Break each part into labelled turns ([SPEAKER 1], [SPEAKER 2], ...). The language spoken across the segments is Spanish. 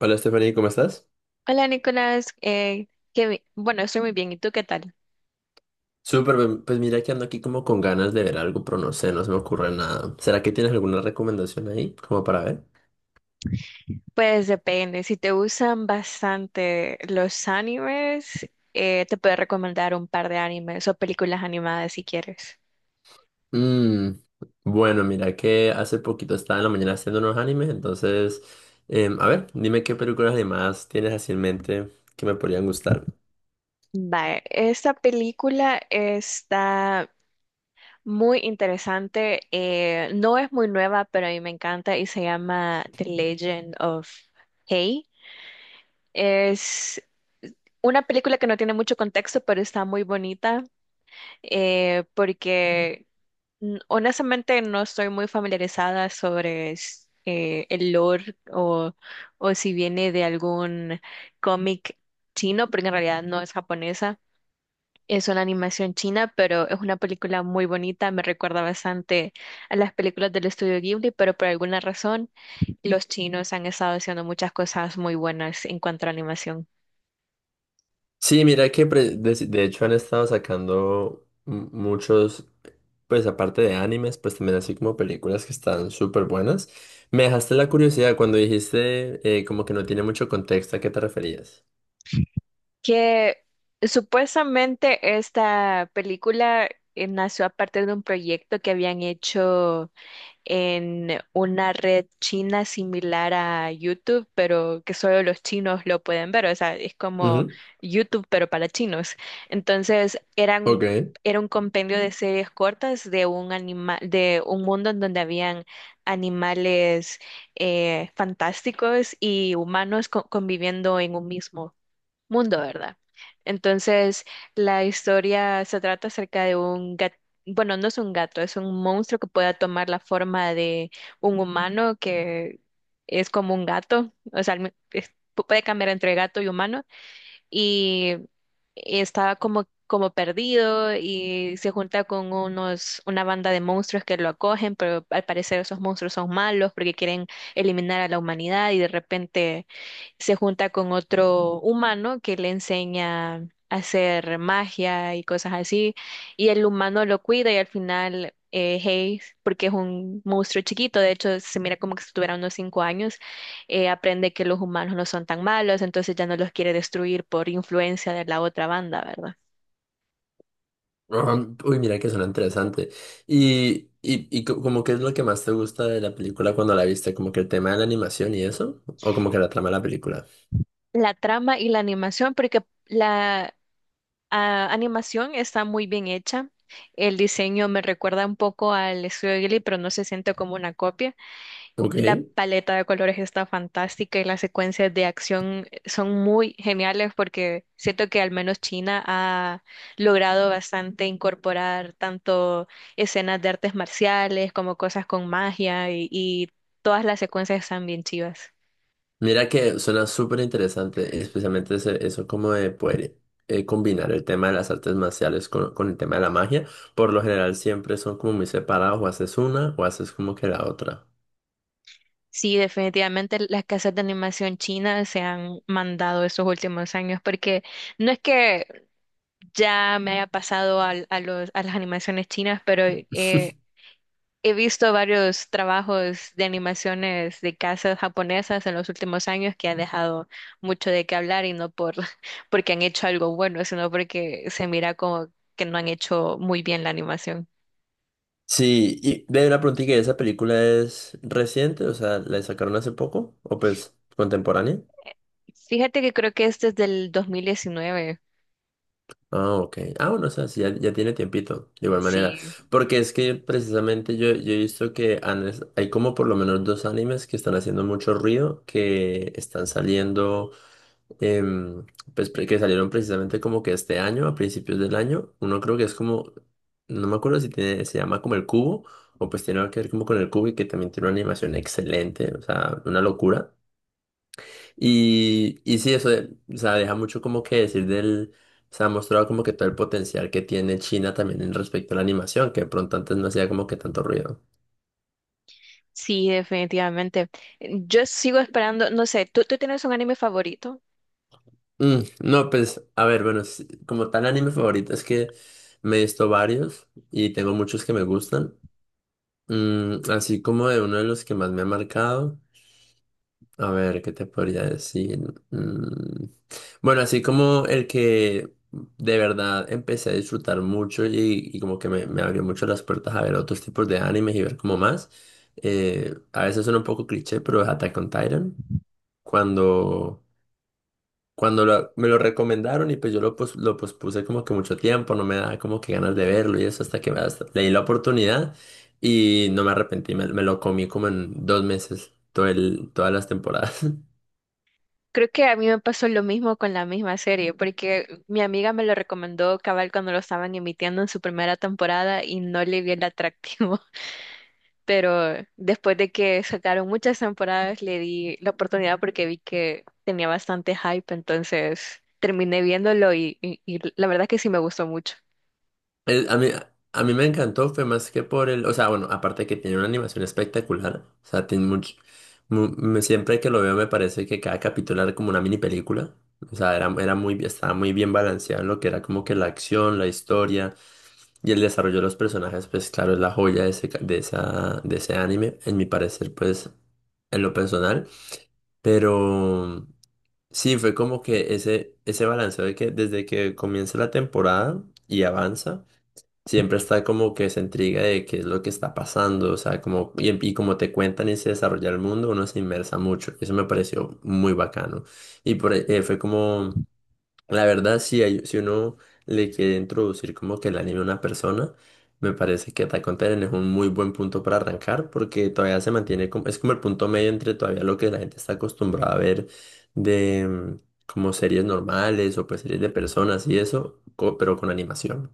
[SPEAKER 1] Hola Stephanie, ¿cómo estás?
[SPEAKER 2] Hola Nicolás, bueno, estoy muy bien. ¿Y tú qué tal?
[SPEAKER 1] Súper, bien. Pues mira que ando aquí como con ganas de ver algo, pero no sé, no se me ocurre nada. ¿Será que tienes alguna recomendación ahí como para ver?
[SPEAKER 2] Pues depende. Si te gustan bastante los animes, te puedo recomendar un par de animes o películas animadas si quieres.
[SPEAKER 1] Mm, bueno, mira que hace poquito estaba en la mañana haciendo unos animes, entonces, a ver, dime qué películas animadas tienes así en mente que me podrían gustar.
[SPEAKER 2] Vale, esta película está muy interesante. No es muy nueva, pero a mí me encanta y se llama The Legend of Hey. Es una película que no tiene mucho contexto, pero está muy bonita eh, porque honestamente, no estoy muy familiarizada sobre el lore o si viene de algún cómic chino, porque en realidad no es japonesa. Es una animación china, pero es una película muy bonita. Me recuerda bastante a las películas del estudio Ghibli, pero por alguna razón los chinos han estado haciendo muchas cosas muy buenas en cuanto a animación.
[SPEAKER 1] Sí, mira que de hecho han estado sacando muchos, pues aparte de animes, pues también así como películas que están súper buenas. Me dejaste la curiosidad cuando dijiste como que no tiene mucho contexto, ¿a qué te referías?
[SPEAKER 2] Que supuestamente esta película nació a partir de un proyecto que habían hecho en una red china similar a YouTube, pero que solo los chinos lo pueden ver. O sea, es como
[SPEAKER 1] Ujú.
[SPEAKER 2] YouTube, pero para chinos. Entonces,
[SPEAKER 1] Ok.
[SPEAKER 2] era un compendio de series cortas de un animal, de un mundo en donde habían animales fantásticos y humanos conviviendo en un mismo mundo, ¿verdad? Entonces, la historia se trata acerca de un gato, bueno, no es un gato, es un monstruo que pueda tomar la forma de un humano que es como un gato, o sea, puede cambiar entre gato y humano y estaba como perdido y se junta con unos una banda de monstruos que lo acogen, pero al parecer esos monstruos son malos porque quieren eliminar a la humanidad y de repente se junta con otro humano que le enseña a hacer magia y cosas así, y el humano lo cuida y al final Hayes, porque es un monstruo chiquito, de hecho se mira como que si tuviera unos 5 años, aprende que los humanos no son tan malos, entonces ya no los quiere destruir por influencia de la otra banda, ¿verdad?
[SPEAKER 1] Ajá. Uy, mira que suena interesante. Y como qué es lo que más te gusta de la película cuando la viste, como que el tema de la animación y eso, o como que la trama de la película.
[SPEAKER 2] La trama y la animación, porque la animación está muy bien hecha. El diseño me recuerda un poco al estudio Ghibli, pero no se siente como una copia.
[SPEAKER 1] Ok.
[SPEAKER 2] La paleta de colores está fantástica y las secuencias de acción son muy geniales porque siento que al menos China ha logrado bastante incorporar tanto escenas de artes marciales como cosas con magia y todas las secuencias están bien chivas.
[SPEAKER 1] Mira que suena súper interesante, especialmente eso como de poder, combinar el tema de las artes marciales con el tema de la magia. Por lo general siempre son como muy separados, o haces una o haces como que la otra.
[SPEAKER 2] Sí, definitivamente las casas de animación china se han mandado estos últimos años porque no es que ya me haya pasado a las animaciones chinas, pero eh, he visto varios trabajos de animaciones de casas japonesas en los últimos años que ha dejado mucho de qué hablar y no por porque han hecho algo bueno, sino porque se mira como que no han hecho muy bien la animación.
[SPEAKER 1] Sí, y ve una pregunta, ¿esa película es reciente? O sea, ¿la sacaron hace poco o pues contemporánea?
[SPEAKER 2] Fíjate que creo que este es del 2019.
[SPEAKER 1] Ah, ok. Ah, bueno, o sea, sí, ya, ya tiene tiempito, de igual manera.
[SPEAKER 2] Sí,
[SPEAKER 1] Porque es que precisamente yo he visto que hay como por lo menos dos animes que están haciendo mucho ruido, que están saliendo, em, pues que salieron precisamente como que este año, a principios del año. Uno creo que es como, no me acuerdo si tiene, se llama como el cubo, o pues tiene algo que ver como con el cubo y que también tiene una animación excelente, o sea, una locura. Y sí, eso, o sea, deja mucho como que decir del, se ha mostrado como que todo el potencial que tiene China también en respecto a la animación, que de pronto antes no hacía como que tanto ruido.
[SPEAKER 2] sí, definitivamente. Yo sigo esperando, no sé, ¿ tú tienes un anime favorito?
[SPEAKER 1] No, pues, a ver, bueno, sí, como tal anime favorito es que me he visto varios y tengo muchos que me gustan. Así como de uno de los que más me ha marcado. A ver, ¿qué te podría decir? Mm. Bueno, así como el que de verdad empecé a disfrutar mucho y como que me abrió mucho las puertas a ver otros tipos de animes y ver como más. A veces suena un poco cliché, pero es Attack on Titan. Cuando, cuando me lo recomendaron y pues yo lo pospuse como que mucho tiempo, no me daba como que ganas de verlo y eso hasta que le di la oportunidad y no me arrepentí, me lo comí como en 2 meses, todas las temporadas.
[SPEAKER 2] Creo que a mí me pasó lo mismo con la misma serie, porque mi amiga me lo recomendó cabal cuando lo estaban emitiendo en su primera temporada y no le vi el atractivo, pero después de que sacaron muchas temporadas le di la oportunidad porque vi que tenía bastante hype, entonces terminé viéndolo y la verdad que sí me gustó mucho.
[SPEAKER 1] A mí, a mí me encantó, fue más que por el, o sea, bueno, aparte que tiene una animación espectacular, o sea, tiene mucho, siempre que lo veo me parece que cada capítulo era como una mini película, o sea, era, estaba muy bien balanceado en lo que era como que la acción, la historia y el desarrollo de los personajes, pues claro, es la joya de ese, ca- de esa, de ese anime, en mi parecer, pues, en lo personal, pero sí, fue como que ese balanceo de que desde que comienza la temporada y avanza. Siempre está como que se intriga de qué es lo que está pasando, o sea, como, y como te cuentan y se desarrolla el mundo, uno se inmersa mucho. Eso me pareció muy bacano. Y por, ahí, fue como, la verdad, si, si uno le quiere introducir como que el anime a una persona, me parece que Attack on Titan es un muy buen punto para arrancar, porque todavía se mantiene como, es como el punto medio entre todavía lo que la gente está acostumbrada a ver de, como series normales o pues series de personas y eso, pero con animación.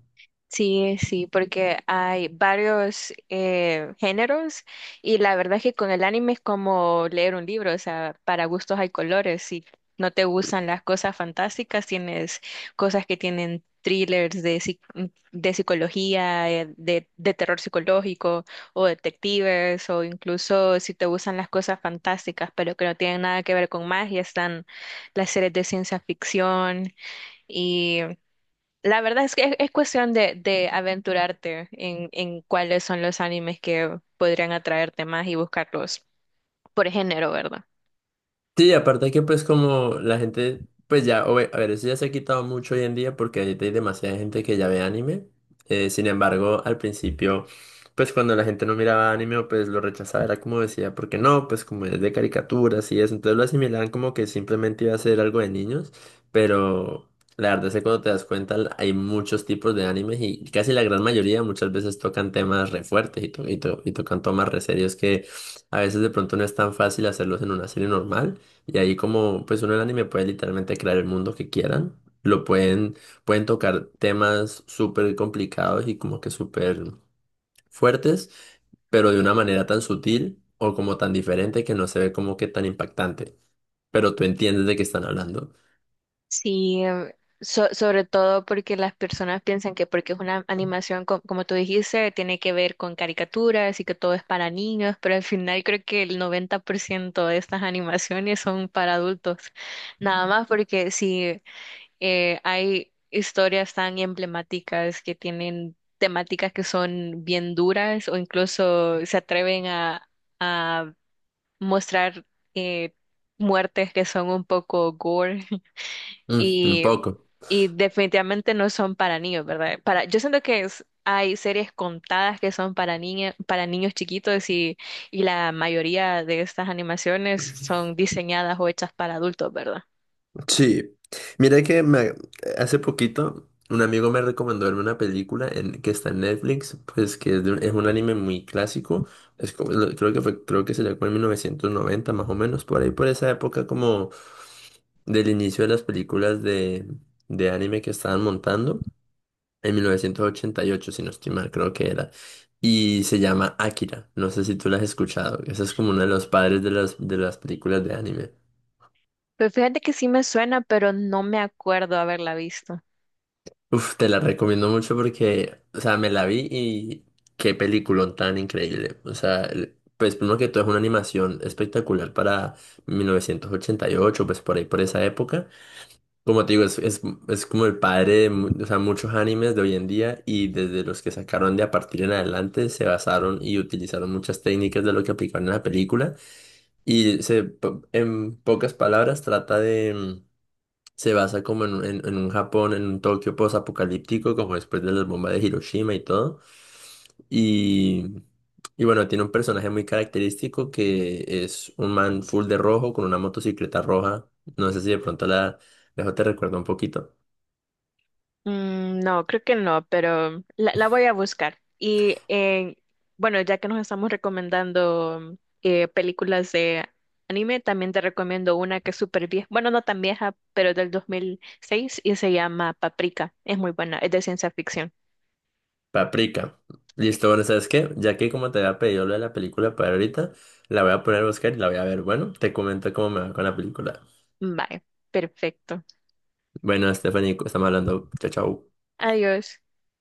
[SPEAKER 2] Sí, sí, porque hay varios géneros y la verdad es que con el anime es como leer un libro, o sea, para gustos hay colores. Si no te gustan las cosas fantásticas, tienes cosas que tienen thrillers de psicología, de terror psicológico o detectives, o incluso si te gustan las cosas fantásticas, pero que no tienen nada que ver con magia, están las series de ciencia ficción. La verdad es que es cuestión de aventurarte en cuáles son los animes que podrían atraerte más y buscarlos por género, ¿verdad?
[SPEAKER 1] Sí, aparte que pues como la gente, pues ya, a ver, eso ya se ha quitado mucho hoy en día porque ahorita hay demasiada gente que ya ve anime. Sin embargo, al principio, pues cuando la gente no miraba anime, pues lo rechazaba, era como decía, porque no, pues como es de caricaturas y eso, entonces lo asimilaban como que simplemente iba a ser algo de niños, pero la verdad es que cuando te das cuenta hay muchos tipos de animes y casi la gran mayoría muchas veces tocan temas re fuertes y tocan temas re serios que a veces de pronto no es tan fácil hacerlos en una serie normal. Y ahí como pues uno en el anime puede literalmente crear el mundo que quieran. Lo pueden, pueden tocar temas súper complicados y como que súper fuertes, pero de una manera tan sutil o como tan diferente que no se ve como que tan impactante. Pero tú entiendes de qué están hablando.
[SPEAKER 2] Sí, sobre todo porque las personas piensan que porque es una animación, como tú dijiste, tiene que ver con caricaturas y que todo es para niños, pero al final creo que el 90% de estas animaciones son para adultos. Nada más porque si hay historias tan emblemáticas que tienen temáticas que son bien duras o incluso se atreven a mostrar eh, muertes que son un poco gore
[SPEAKER 1] Mm, un
[SPEAKER 2] y,
[SPEAKER 1] poco.
[SPEAKER 2] y definitivamente no son para niños, ¿verdad? Para, yo siento que hay series contadas que son para niña, para niños chiquitos y la mayoría de estas animaciones son diseñadas o hechas para adultos, ¿verdad?
[SPEAKER 1] Sí, mira que hace poquito un amigo me recomendó verme una película en, que está en Netflix, pues que es, es un anime muy clásico, es creo que sería como en 1990 más o menos, por ahí por esa época como del inicio de las películas de anime que estaban montando, en 1988 si no estoy mal, creo que era, y se llama Akira, no sé si tú la has escuchado, ese es como uno de los padres de las películas de anime.
[SPEAKER 2] Pues fíjate que sí me suena, pero no me acuerdo haberla visto.
[SPEAKER 1] Uf, te la recomiendo mucho porque, o sea, me la vi y qué peliculón tan increíble. O sea, pues primero que todo es una animación espectacular para 1988, pues por ahí, por esa época. Como te digo, es como el padre de, o sea, muchos animes de hoy en día y desde los que sacaron de a partir en adelante se basaron y utilizaron muchas técnicas de lo que aplicaron en la película. En pocas palabras, trata de, se basa como en, en un Japón, en un Tokio post-apocalíptico, como después de las bombas de Hiroshima y todo. Y, y bueno, tiene un personaje muy característico que es un man full de rojo con una motocicleta roja. No sé si de pronto la dejo, te recuerdo un poquito.
[SPEAKER 2] Mm, no, creo que no, pero la voy a buscar. Y bueno, ya que nos estamos recomendando películas de anime, también te recomiendo una que es súper vieja, bueno, no tan vieja, pero del 2006 y se llama Paprika. Es muy buena, es de ciencia ficción.
[SPEAKER 1] Paprika. Listo, bueno, ¿sabes qué? Ya que como te había pedido lo de la película para ahorita, la voy a poner a buscar y la voy a ver. Bueno, te comento cómo me va con la película.
[SPEAKER 2] Vale, perfecto.
[SPEAKER 1] Bueno, Stephanie, estamos hablando. Chao, chao.
[SPEAKER 2] Adiós.